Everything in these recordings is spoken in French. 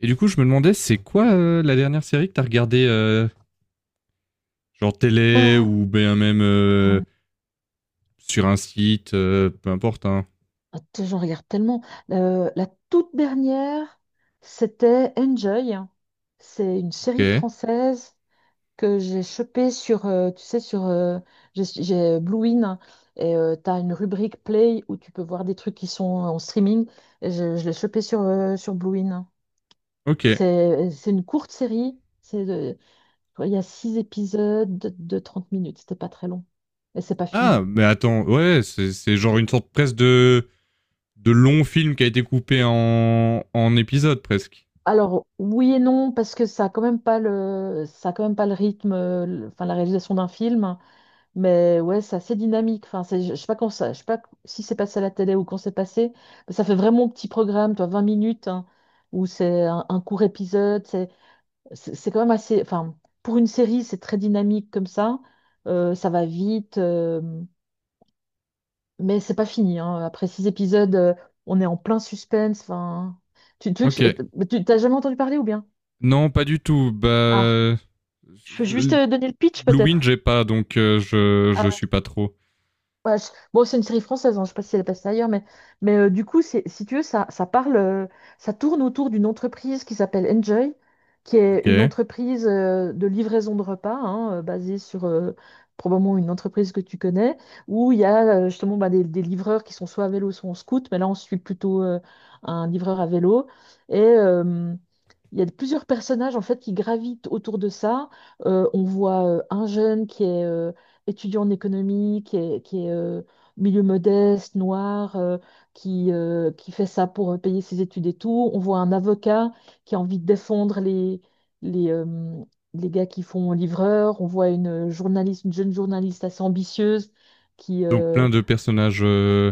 Et du coup, je me demandais, c'est quoi la dernière série que t'as regardée, genre télé Ah, ou bien même attends, sur un site, peu importe. Hein. attends, j'en regarde tellement. La toute dernière, c'était Enjoy. C'est une série Ok, française que j'ai chopée sur, tu sais, sur j'ai Blue In et tu as une rubrique Play où tu peux voir des trucs qui sont en streaming. Et je l'ai chopée sur, sur Blue In. ok. C'est une courte série. Il y a six épisodes de 30 minutes. C'était pas très long. Et c'est pas Ah, fini. mais attends, ouais, c'est genre une sorte presque de long film qui a été coupé en, en épisodes presque. Alors oui et non, parce que ça a quand même pas le ça a quand même pas le rythme, enfin la réalisation d'un film, mais ouais, c'est assez dynamique. Enfin je sais pas quand ça, je sais pas si c'est passé à la télé ou quand c'est passé, mais ça fait vraiment petit programme, toi, 20 minutes, hein, où c'est un court épisode. C'est quand même assez, enfin, pour une série c'est très dynamique comme ça, ça va vite. Mais c'est pas fini, hein. Après six épisodes, on est en plein suspense. Enfin, tu veux que Ok. Tu t'as jamais entendu parler, ou bien? Non, pas du tout. Bah, Je peux juste, je- donner le pitch Blue Wind, peut-être. j'ai pas, donc je suis pas trop. Ouais, bon, c'est une série française, hein, je sais pas si elle passe ailleurs, mais, du coup, c'est, si tu veux, ça, ça parle. Ça tourne autour d'une entreprise qui s'appelle Enjoy, qui est une Ok. entreprise, de livraison de repas, hein, basée sur, probablement une entreprise que tu connais, où il y a, justement, bah, des livreurs qui sont soit à vélo, soit en scoot, mais là, on suit plutôt un livreur à vélo. Et, il y a plusieurs personnages en fait qui gravitent autour de ça. On voit un jeune qui est, étudiant en économie, qui est milieu modeste, noir, qui fait ça pour, payer ses études et tout. On voit un avocat qui a envie de défendre les, euh, les gars qui font livreur. On voit une journaliste, une jeune journaliste assez ambitieuse qui... Donc plein de personnages.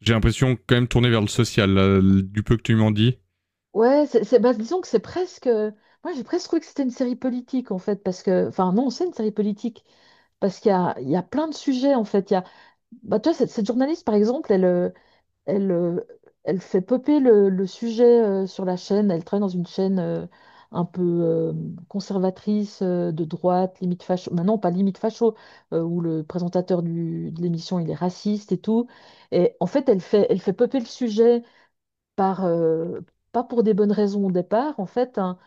J'ai l'impression quand même tourné vers le social, là, du peu que tu m'en dis. Ouais, c'est, bah, disons que c'est presque... Moi, j'ai presque cru que c'était une série politique, en fait, parce que... Enfin, non, c'est une série politique. Parce qu'il y a plein de sujets, en fait. Il y a... bah, toi, cette journaliste, par exemple, Elle, euh, elle fait popper le sujet, sur la chaîne. Elle travaille dans une chaîne, un peu, conservatrice, de droite, limite facho. Maintenant, pas limite facho, où le présentateur de l'émission, il est raciste et tout. Et en fait, elle fait popper le sujet par, pas pour des bonnes raisons au départ, en fait, hein,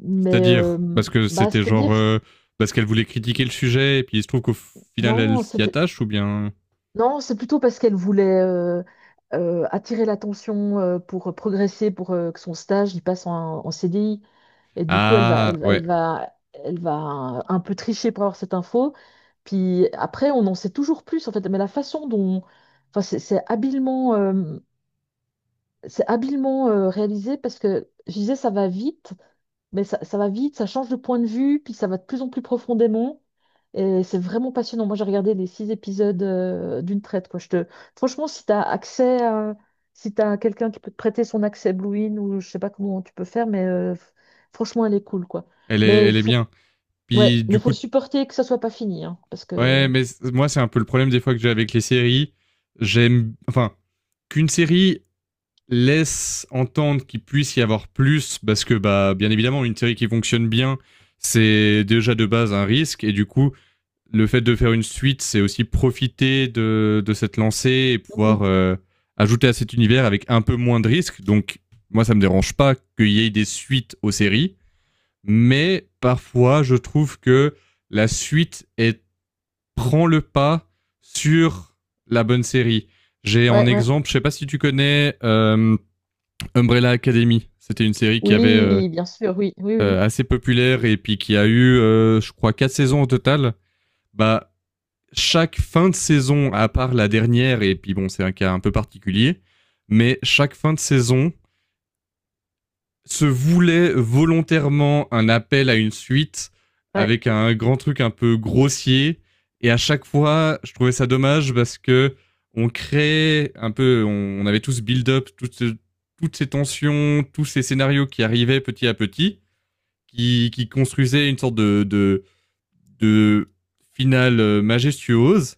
mais C'est-à-dire, parce que bah, c'était genre. c'est-à-dire... euh, parce qu'elle voulait critiquer le sujet, et puis il se trouve qu'au final, elle Non, s'y attache, ou bien. non, c'est plutôt parce qu'elle voulait, attirer l'attention, pour progresser, pour, que son stage il passe en, en CDI. Et du coup, elle va, Ah, elle, va, ouais. elle va elle va un peu tricher pour avoir cette info. Puis après, on en sait toujours plus, en fait. Mais la façon dont, enfin, c'est habilement, réalisé, parce que, je disais, ça va vite, mais ça va vite, ça change de point de vue, puis ça va de plus en plus profondément. Et c'est vraiment passionnant. Moi, j'ai regardé les six épisodes, d'une traite, quoi. Franchement, si tu as accès à... si tu as quelqu'un qui peut te prêter son accès Blue In, ou je sais pas comment tu peux faire, mais, franchement, elle est cool, quoi. Mais Elle est faut... bien. ouais, Puis, du mais faut coup, supporter que ça soit pas fini, hein, parce ouais, que... mais moi, c'est un peu le problème des fois que j'ai avec les séries. J'aime. Enfin, qu'une série laisse entendre qu'il puisse y avoir plus, parce que, bah, bien évidemment, une série qui fonctionne bien, c'est déjà de base un risque, et du coup, le fait de faire une suite, c'est aussi profiter de cette lancée et Mhm. pouvoir ajouter à cet univers avec un peu moins de risques. Donc, moi, ça me dérange pas qu'il y ait des suites aux séries, mais parfois, je trouve que la suite est, prend le pas sur la bonne série. J'ai en Ouais, ouais. exemple, je sais pas si tu connais Umbrella Academy. C'était une série qui avait Oui, bien sûr, oui, oui, oui. assez populaire et puis qui a eu, je crois, 4 saisons au total. Bah, chaque fin de saison, à part la dernière, et puis bon, c'est un cas un peu particulier, mais chaque fin de saison se voulait volontairement un appel à une suite Ouais, avec un grand truc un peu grossier. Et à chaque fois, je trouvais ça dommage parce que on créait un peu, on, avait tous build-up toutes, ce- toutes ces tensions, tous ces scénarios qui arrivaient petit à petit, qui construisaient une sorte de finale majestueuse.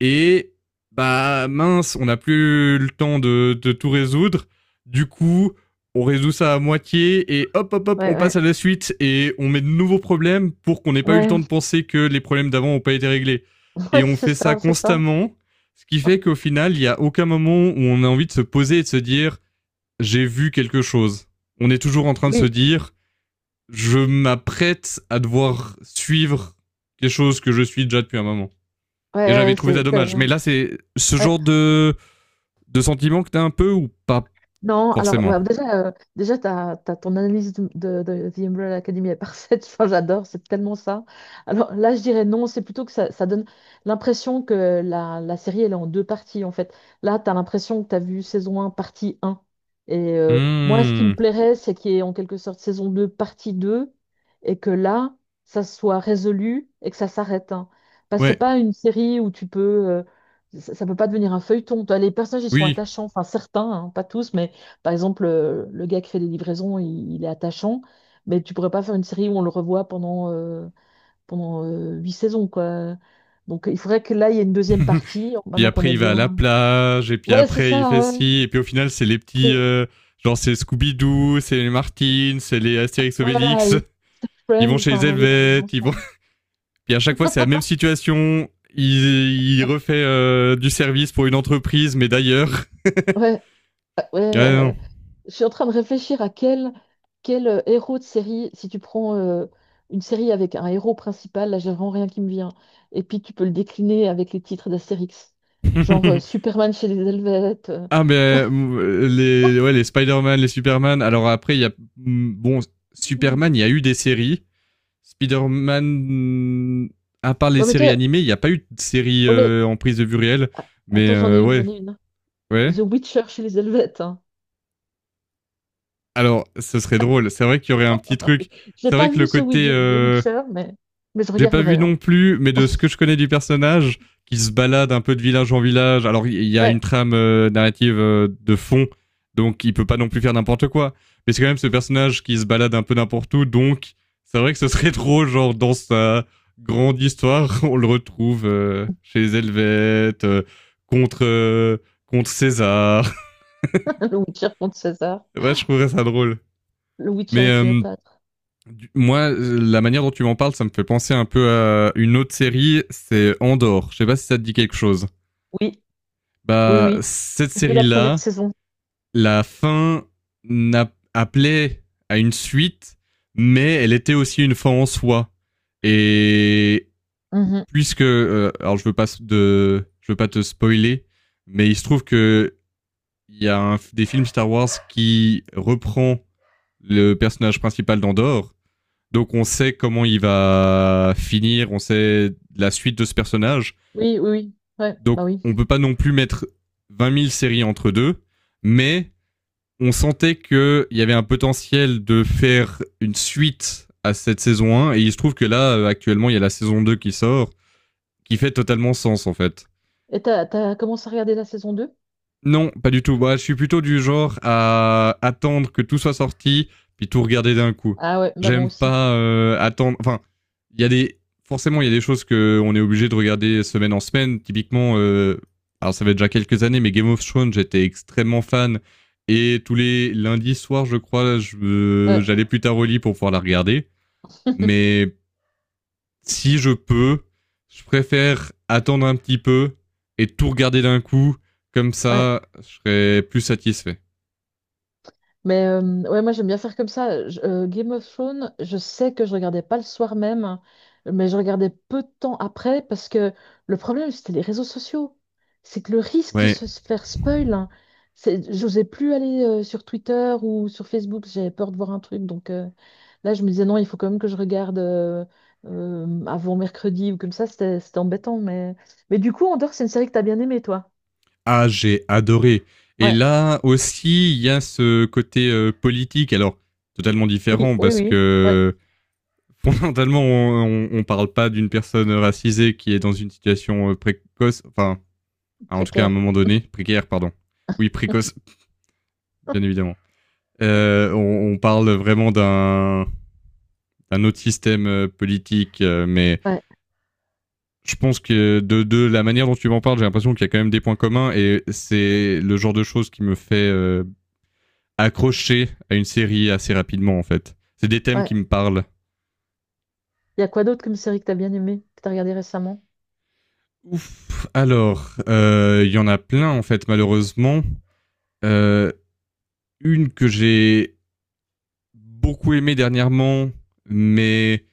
Et bah mince, on n'a plus le temps de tout résoudre. Du coup, on résout ça à moitié et hop, hop, hop, ouais, on ouais. passe à la suite et on met de nouveaux problèmes pour qu'on n'ait pas eu le Ouais. temps de penser que les problèmes d'avant n'ont pas été réglés. Et Ouais, on c'est fait ça ça, c'est ça. constamment, ce qui fait qu'au final, il n'y a aucun moment où on a envie de se poser et de se dire j'ai vu quelque chose. On est toujours en train de se Oui, dire je m'apprête à devoir suivre quelque chose que je suis déjà depuis un moment. ouais, Et j'avais ouais, trouvé ça c'est, dommage. Mais là, c'est ce genre de sentiment que t'as un peu ou pas non, alors, forcément. bah, déjà t'as, t'as ton analyse de, de The Umbrella Academy est parfaite. Enfin, j'adore, c'est tellement ça. Alors là, je dirais non, c'est plutôt que ça donne l'impression que la série, elle est en deux parties en fait. Là, t'as l'impression que t'as vu saison un partie un. Et moi, ce qui me Hmm. plairait, c'est qu'il y ait en quelque sorte saison 2 partie 2 et que là, ça soit résolu et que ça s'arrête, hein. Parce que c'est Ouais, pas une série où ça ne peut pas devenir un feuilleton. Toi, les personnages, ils sont oui. attachants, enfin certains, hein, pas tous, mais par exemple, le gars qui fait des livraisons, il est attachant, mais tu pourrais pas faire une série où on le revoit pendant, huit saisons, quoi. Donc il faudrait que là, il y ait une deuxième partie, Puis maintenant qu'on après, est il va à la bien. plage, et puis Ouais, c'est après, il fait ça, ouais. ci, et puis au final, c'est les petits. Et- euh, genre, c'est Scooby-Doo, c'est les Martins, c'est les Astérix ouais, voilà. Obélix. Et Ils vont Friends, chez enfin, les on est des Helvètes, ils vont. enfants. Puis à chaque fois, c'est la même situation. Il refait du service pour une entreprise, mais d'ailleurs. Ouais, ouais. Ah Je suis en train de réfléchir à quel, quel héros de série, si tu prends une série avec un héros principal, là j'ai vraiment rien qui me vient. Et puis tu peux le décliner avec les titres d'Astérix, genre, non. Superman chez les Helvètes, Ah, mais tu vois. Les, ouais, les Spider-Man, les Superman. Alors après, il y a. Bon, Mm. Superman, il y a eu des séries. Spider-Man, à part les Ouais, mais séries toi, animées, il n'y a pas eu de série oh, mais en prise de vue réelle. a- Mais attends, j'en ai une, ouais, j'en ai une, hein. ouais. The Witcher chez les Helvètes, hein. Alors, ce serait drôle. C'est vrai qu'il y aurait un petit truc. Je n'ai C'est vrai pas que le vu ce côté The Witcher, mais je J'ai pas vu regarderai, hein. non plus, mais de ce que je connais du personnage, qui se balade un peu de village en village. Alors il y a une Ouais, trame narrative de fond, donc il peut pas non plus faire n'importe quoi. Mais c'est quand même ce personnage qui se balade un peu n'importe où, donc c'est vrai que ce serait trop genre dans sa grande histoire, on le retrouve chez les Helvètes, contre, contre César. le Witcher contre César, ouais, je trouverais ça drôle. le Witcher Mais et Cléopâtre. Moi, la manière dont tu m'en parles, ça me fait penser un peu à une autre série, c'est Andor. Je sais pas si ça te dit quelque chose. Oui, oui, Bah, oui. cette J'ai vu la première série-là, saison. la fin n'a- appelait à une suite, mais elle était aussi une fin en soi. Et Mmh. puisque, alors je veux pas de, je veux pas te spoiler, mais il se trouve que il y a un des films Star Wars qui reprend le personnage principal d'Andor. Donc on sait comment il va finir, on sait la suite de ce personnage. Oui, oui, oui. Ouais, Donc bah oui. on peut pas non plus mettre 20 000 séries entre deux, mais on sentait qu'il y avait un potentiel de faire une suite à cette saison un, et il se trouve que là, actuellement, il y a la saison 2 qui sort, qui fait totalement sens en fait. Et t'as commencé à regarder la saison deux? Non, pas du tout. Moi, je suis plutôt du genre à attendre que tout soit sorti, puis tout regarder d'un coup. Ah ouais, bah moi J'aime aussi. pas attendre. Enfin, il y a des. Forcément, il y a des choses qu'on est obligé de regarder semaine en semaine. Typiquement, alors ça fait déjà quelques années, mais Game of Thrones, j'étais extrêmement fan. Et tous les lundis soirs, je crois, je- Ouais. j'allais je... plus tard au lit pour pouvoir la regarder. Mais si je peux, je préfère attendre un petit peu et tout regarder d'un coup. Comme Ouais. ça, je serais plus satisfait. Mais, ouais, moi j'aime bien faire comme ça. Game of Thrones, je sais que je regardais pas le soir même, mais je regardais peu de temps après, parce que le problème, c'était les réseaux sociaux. C'est que le risque de Ouais. se faire spoil, hein, c'est, j'osais plus aller sur Twitter ou sur Facebook, j'avais peur de voir un truc. Donc là je me disais non, il faut quand même que je regarde, avant mercredi ou comme ça, c'était, c'était embêtant. Mais du coup, Andor, c'est une série que t'as bien aimée, toi. Ah, j'ai adoré. Et Ouais, là aussi, il y a ce côté politique. Alors, totalement oui, différent oui, parce oui, ouais, que fondamentalement, on, parle pas d'une personne racisée qui est dans une situation précoce, enfin, en tout cas à un précaire. moment donné, précaire, pardon. Oui, précoce, bien évidemment. On, parle vraiment d'un un autre système politique, mais Ouais, je pense que de la manière dont tu m'en parles, j'ai l'impression qu'il y a quand même des points communs et c'est le genre de choses qui me fait accrocher à une série assez rapidement en fait. C'est des thèmes ouais. qui me parlent. Il y a quoi d'autre comme série que t'as bien aimée, que t'as regardée récemment? Ouf, alors, il y en a plein en fait malheureusement. Euh, une que j'ai beaucoup aimée dernièrement, mais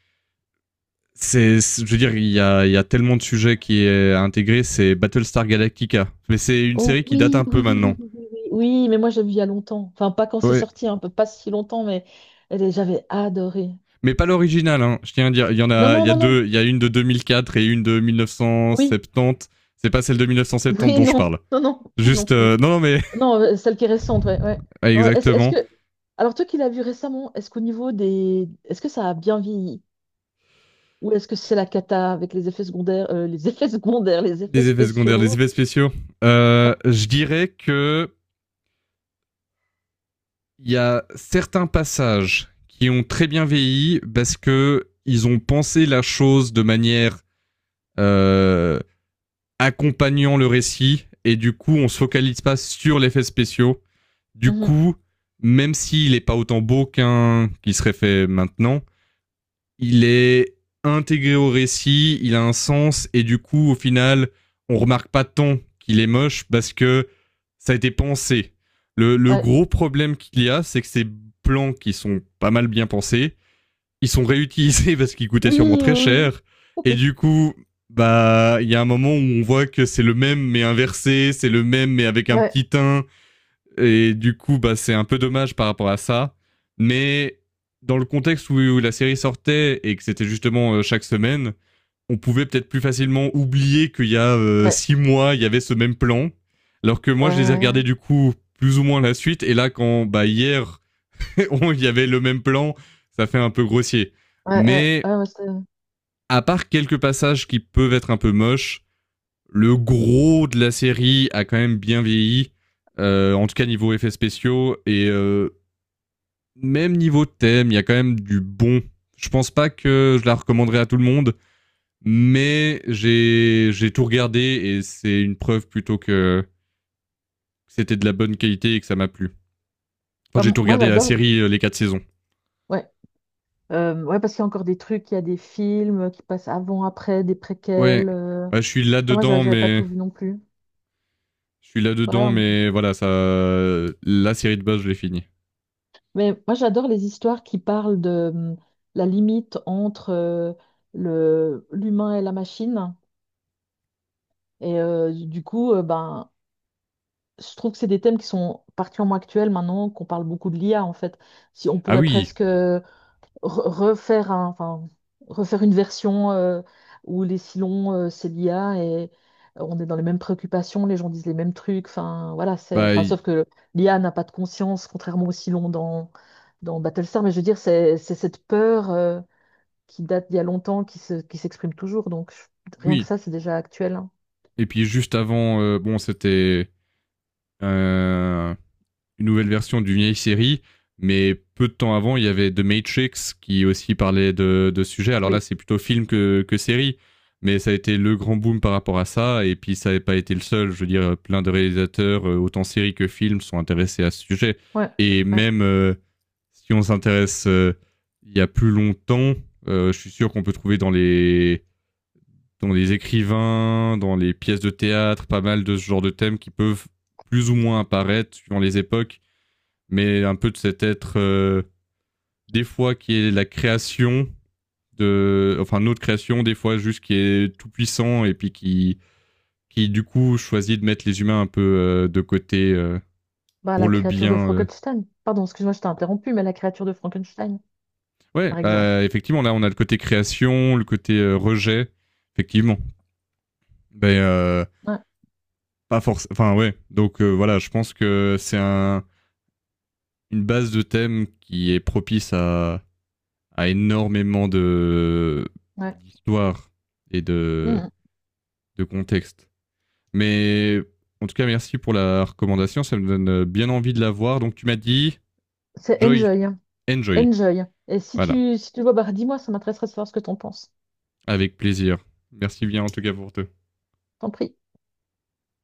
c'est, je veux dire, il y a tellement de sujets qui est intégré, c'est Battlestar Galactica. Mais c'est une Oh série qui date oui, un oui, peu oui, oui, maintenant. oui, oui, oui. Oui, mais moi j'ai vu il y a longtemps. Enfin, pas quand c'est Ouais, sorti, un peu pas si longtemps, mais j'avais adoré. mais pas l'original, hein. Je tiens à dire. Il y en Non, a, il non, y a non, non. deux. Il y a une de 2004 et une de Oui, 1970. C'est pas celle de 1970 oui, dont je non, parle. non, non, non Juste, plus. Non, non, mais Non, celle qui est récente, ouais, ouais. Non, est-ce exactement. que, alors, toi qui l'as vu récemment, est-ce qu'au niveau des, est-ce que ça a bien vieilli? Ou est-ce que c'est la cata avec les effets secondaires, les effets secondaires, les effets Les effets secondaires, les spéciaux? effets spéciaux. Je dirais que il y a certains passages qui ont très bien vieilli parce que ils ont pensé la chose de manière euh, accompagnant le récit et du coup on se focalise pas sur l'effet spéciaux. Du Mhm, coup, même s'il n'est pas autant beau qu'un qui serait fait maintenant, il est intégré au récit, il a un sens, et du coup, au final, on remarque pas tant qu'il est moche parce que ça a été pensé. Le ouais. gros problème qu'il y a, c'est que ces plans qui sont pas mal bien pensés, ils sont réutilisés parce qu'ils coûtaient sûrement Oui, très oui, cher, oui, et oui. du coup, bah, il y a un moment où on voit que c'est le même mais inversé, c'est le même mais avec un Ouais, petit teint, et du coup, bah, c'est un peu dommage par rapport à ça. Mais dans le contexte où, où la série sortait et que c'était justement chaque semaine, on pouvait peut-être plus facilement oublier qu'il y a ouais, 6 mois, il y avait ce même plan. Alors que ouais. moi, je les ai Ouais, regardés ouais. du coup plus ou moins la suite. Et là, quand bah, hier, il y avait le même plan, ça fait un peu grossier. Ouais, ouais, Mais ouais, ouais. à part quelques passages qui peuvent être un peu moches, le gros de la série a quand même bien vieilli. En tout cas, niveau effets spéciaux. Et même niveau thème, il y a quand même du bon. Je pense pas que je la recommanderais à tout le monde, mais j'ai tout regardé et c'est une preuve plutôt que c'était de la bonne qualité et que ça m'a plu. Enfin, j'ai Enfin, tout moi regardé la j'adore. série les 4 saisons. Ouais, ouais, parce qu'il y a encore des trucs, il y a des films qui passent avant, après, des Ouais, préquels. Enfin, ouais je suis là moi j'a- dedans, j'avais pas mais tout vu non plus. je suis là dedans, Ouais, mais voilà, ça, la série de base, je l'ai finie. mais moi j'adore les histoires qui parlent de, la limite entre, le l'humain et la machine. Et, du coup, ben, je trouve que c'est des thèmes qui sont particulièrement actuels maintenant, qu'on parle beaucoup de l'IA en fait. Si on Ah pourrait oui, presque enfin, refaire une version, où les silons, c'est l'IA et on est dans les mêmes préoccupations, les gens disent les mêmes trucs. Enfin, voilà, bah enfin, y- sauf que l'IA n'a pas de conscience, contrairement aux silons dans, dans Battlestar. Mais je veux dire, c'est cette peur, qui date d'il y a longtemps, qui s'exprime toujours. Donc, rien que oui. ça, c'est déjà actuel, hein. Et puis juste avant, bon, c'était euh, une nouvelle version d'une vieille série, mais peu de temps avant, il y avait The Matrix qui aussi parlait de ce sujet. Alors Oui, là, c'est plutôt film que série, mais ça a été le grand boom par rapport à ça. Et puis ça n'avait pas été le seul. Je veux dire, plein de réalisateurs, autant séries que films, sont intéressés à ce sujet. ouais, Et ouais. même si on s'intéresse il y a plus longtemps, je suis sûr qu'on peut trouver dans les écrivains, dans les pièces de théâtre, pas mal de ce genre de thèmes qui peuvent plus ou moins apparaître suivant les époques, mais un peu de cet être des fois qui est la création de, enfin notre création, des fois juste qui est tout puissant et puis qui du coup choisit de mettre les humains un peu de côté Bah, pour la le créature de bien. Frankenstein. Pardon, excuse-moi, je t'ai interrompu, mais la créature de Frankenstein, Ouais, par exemple. bah, effectivement là on a le côté création, le côté rejet, effectivement. Ben Ouais, pas forcément. Enfin ouais, donc voilà, je pense que c'est un une base de thèmes qui est propice à énormément de ouais. d'histoire et Mhm. de contexte. Mais en tout cas, merci pour la recommandation. Ça me donne bien envie de la voir. Donc, tu m'as dit C'est Joy, Enjoy, hein. enjoy. Enjoy. Et si Voilà, tu, si tu le vois, bah, dis-moi, ça m'intéresserait de savoir ce que t'en penses. avec plaisir. Merci bien en tout cas pour toi T'en prie.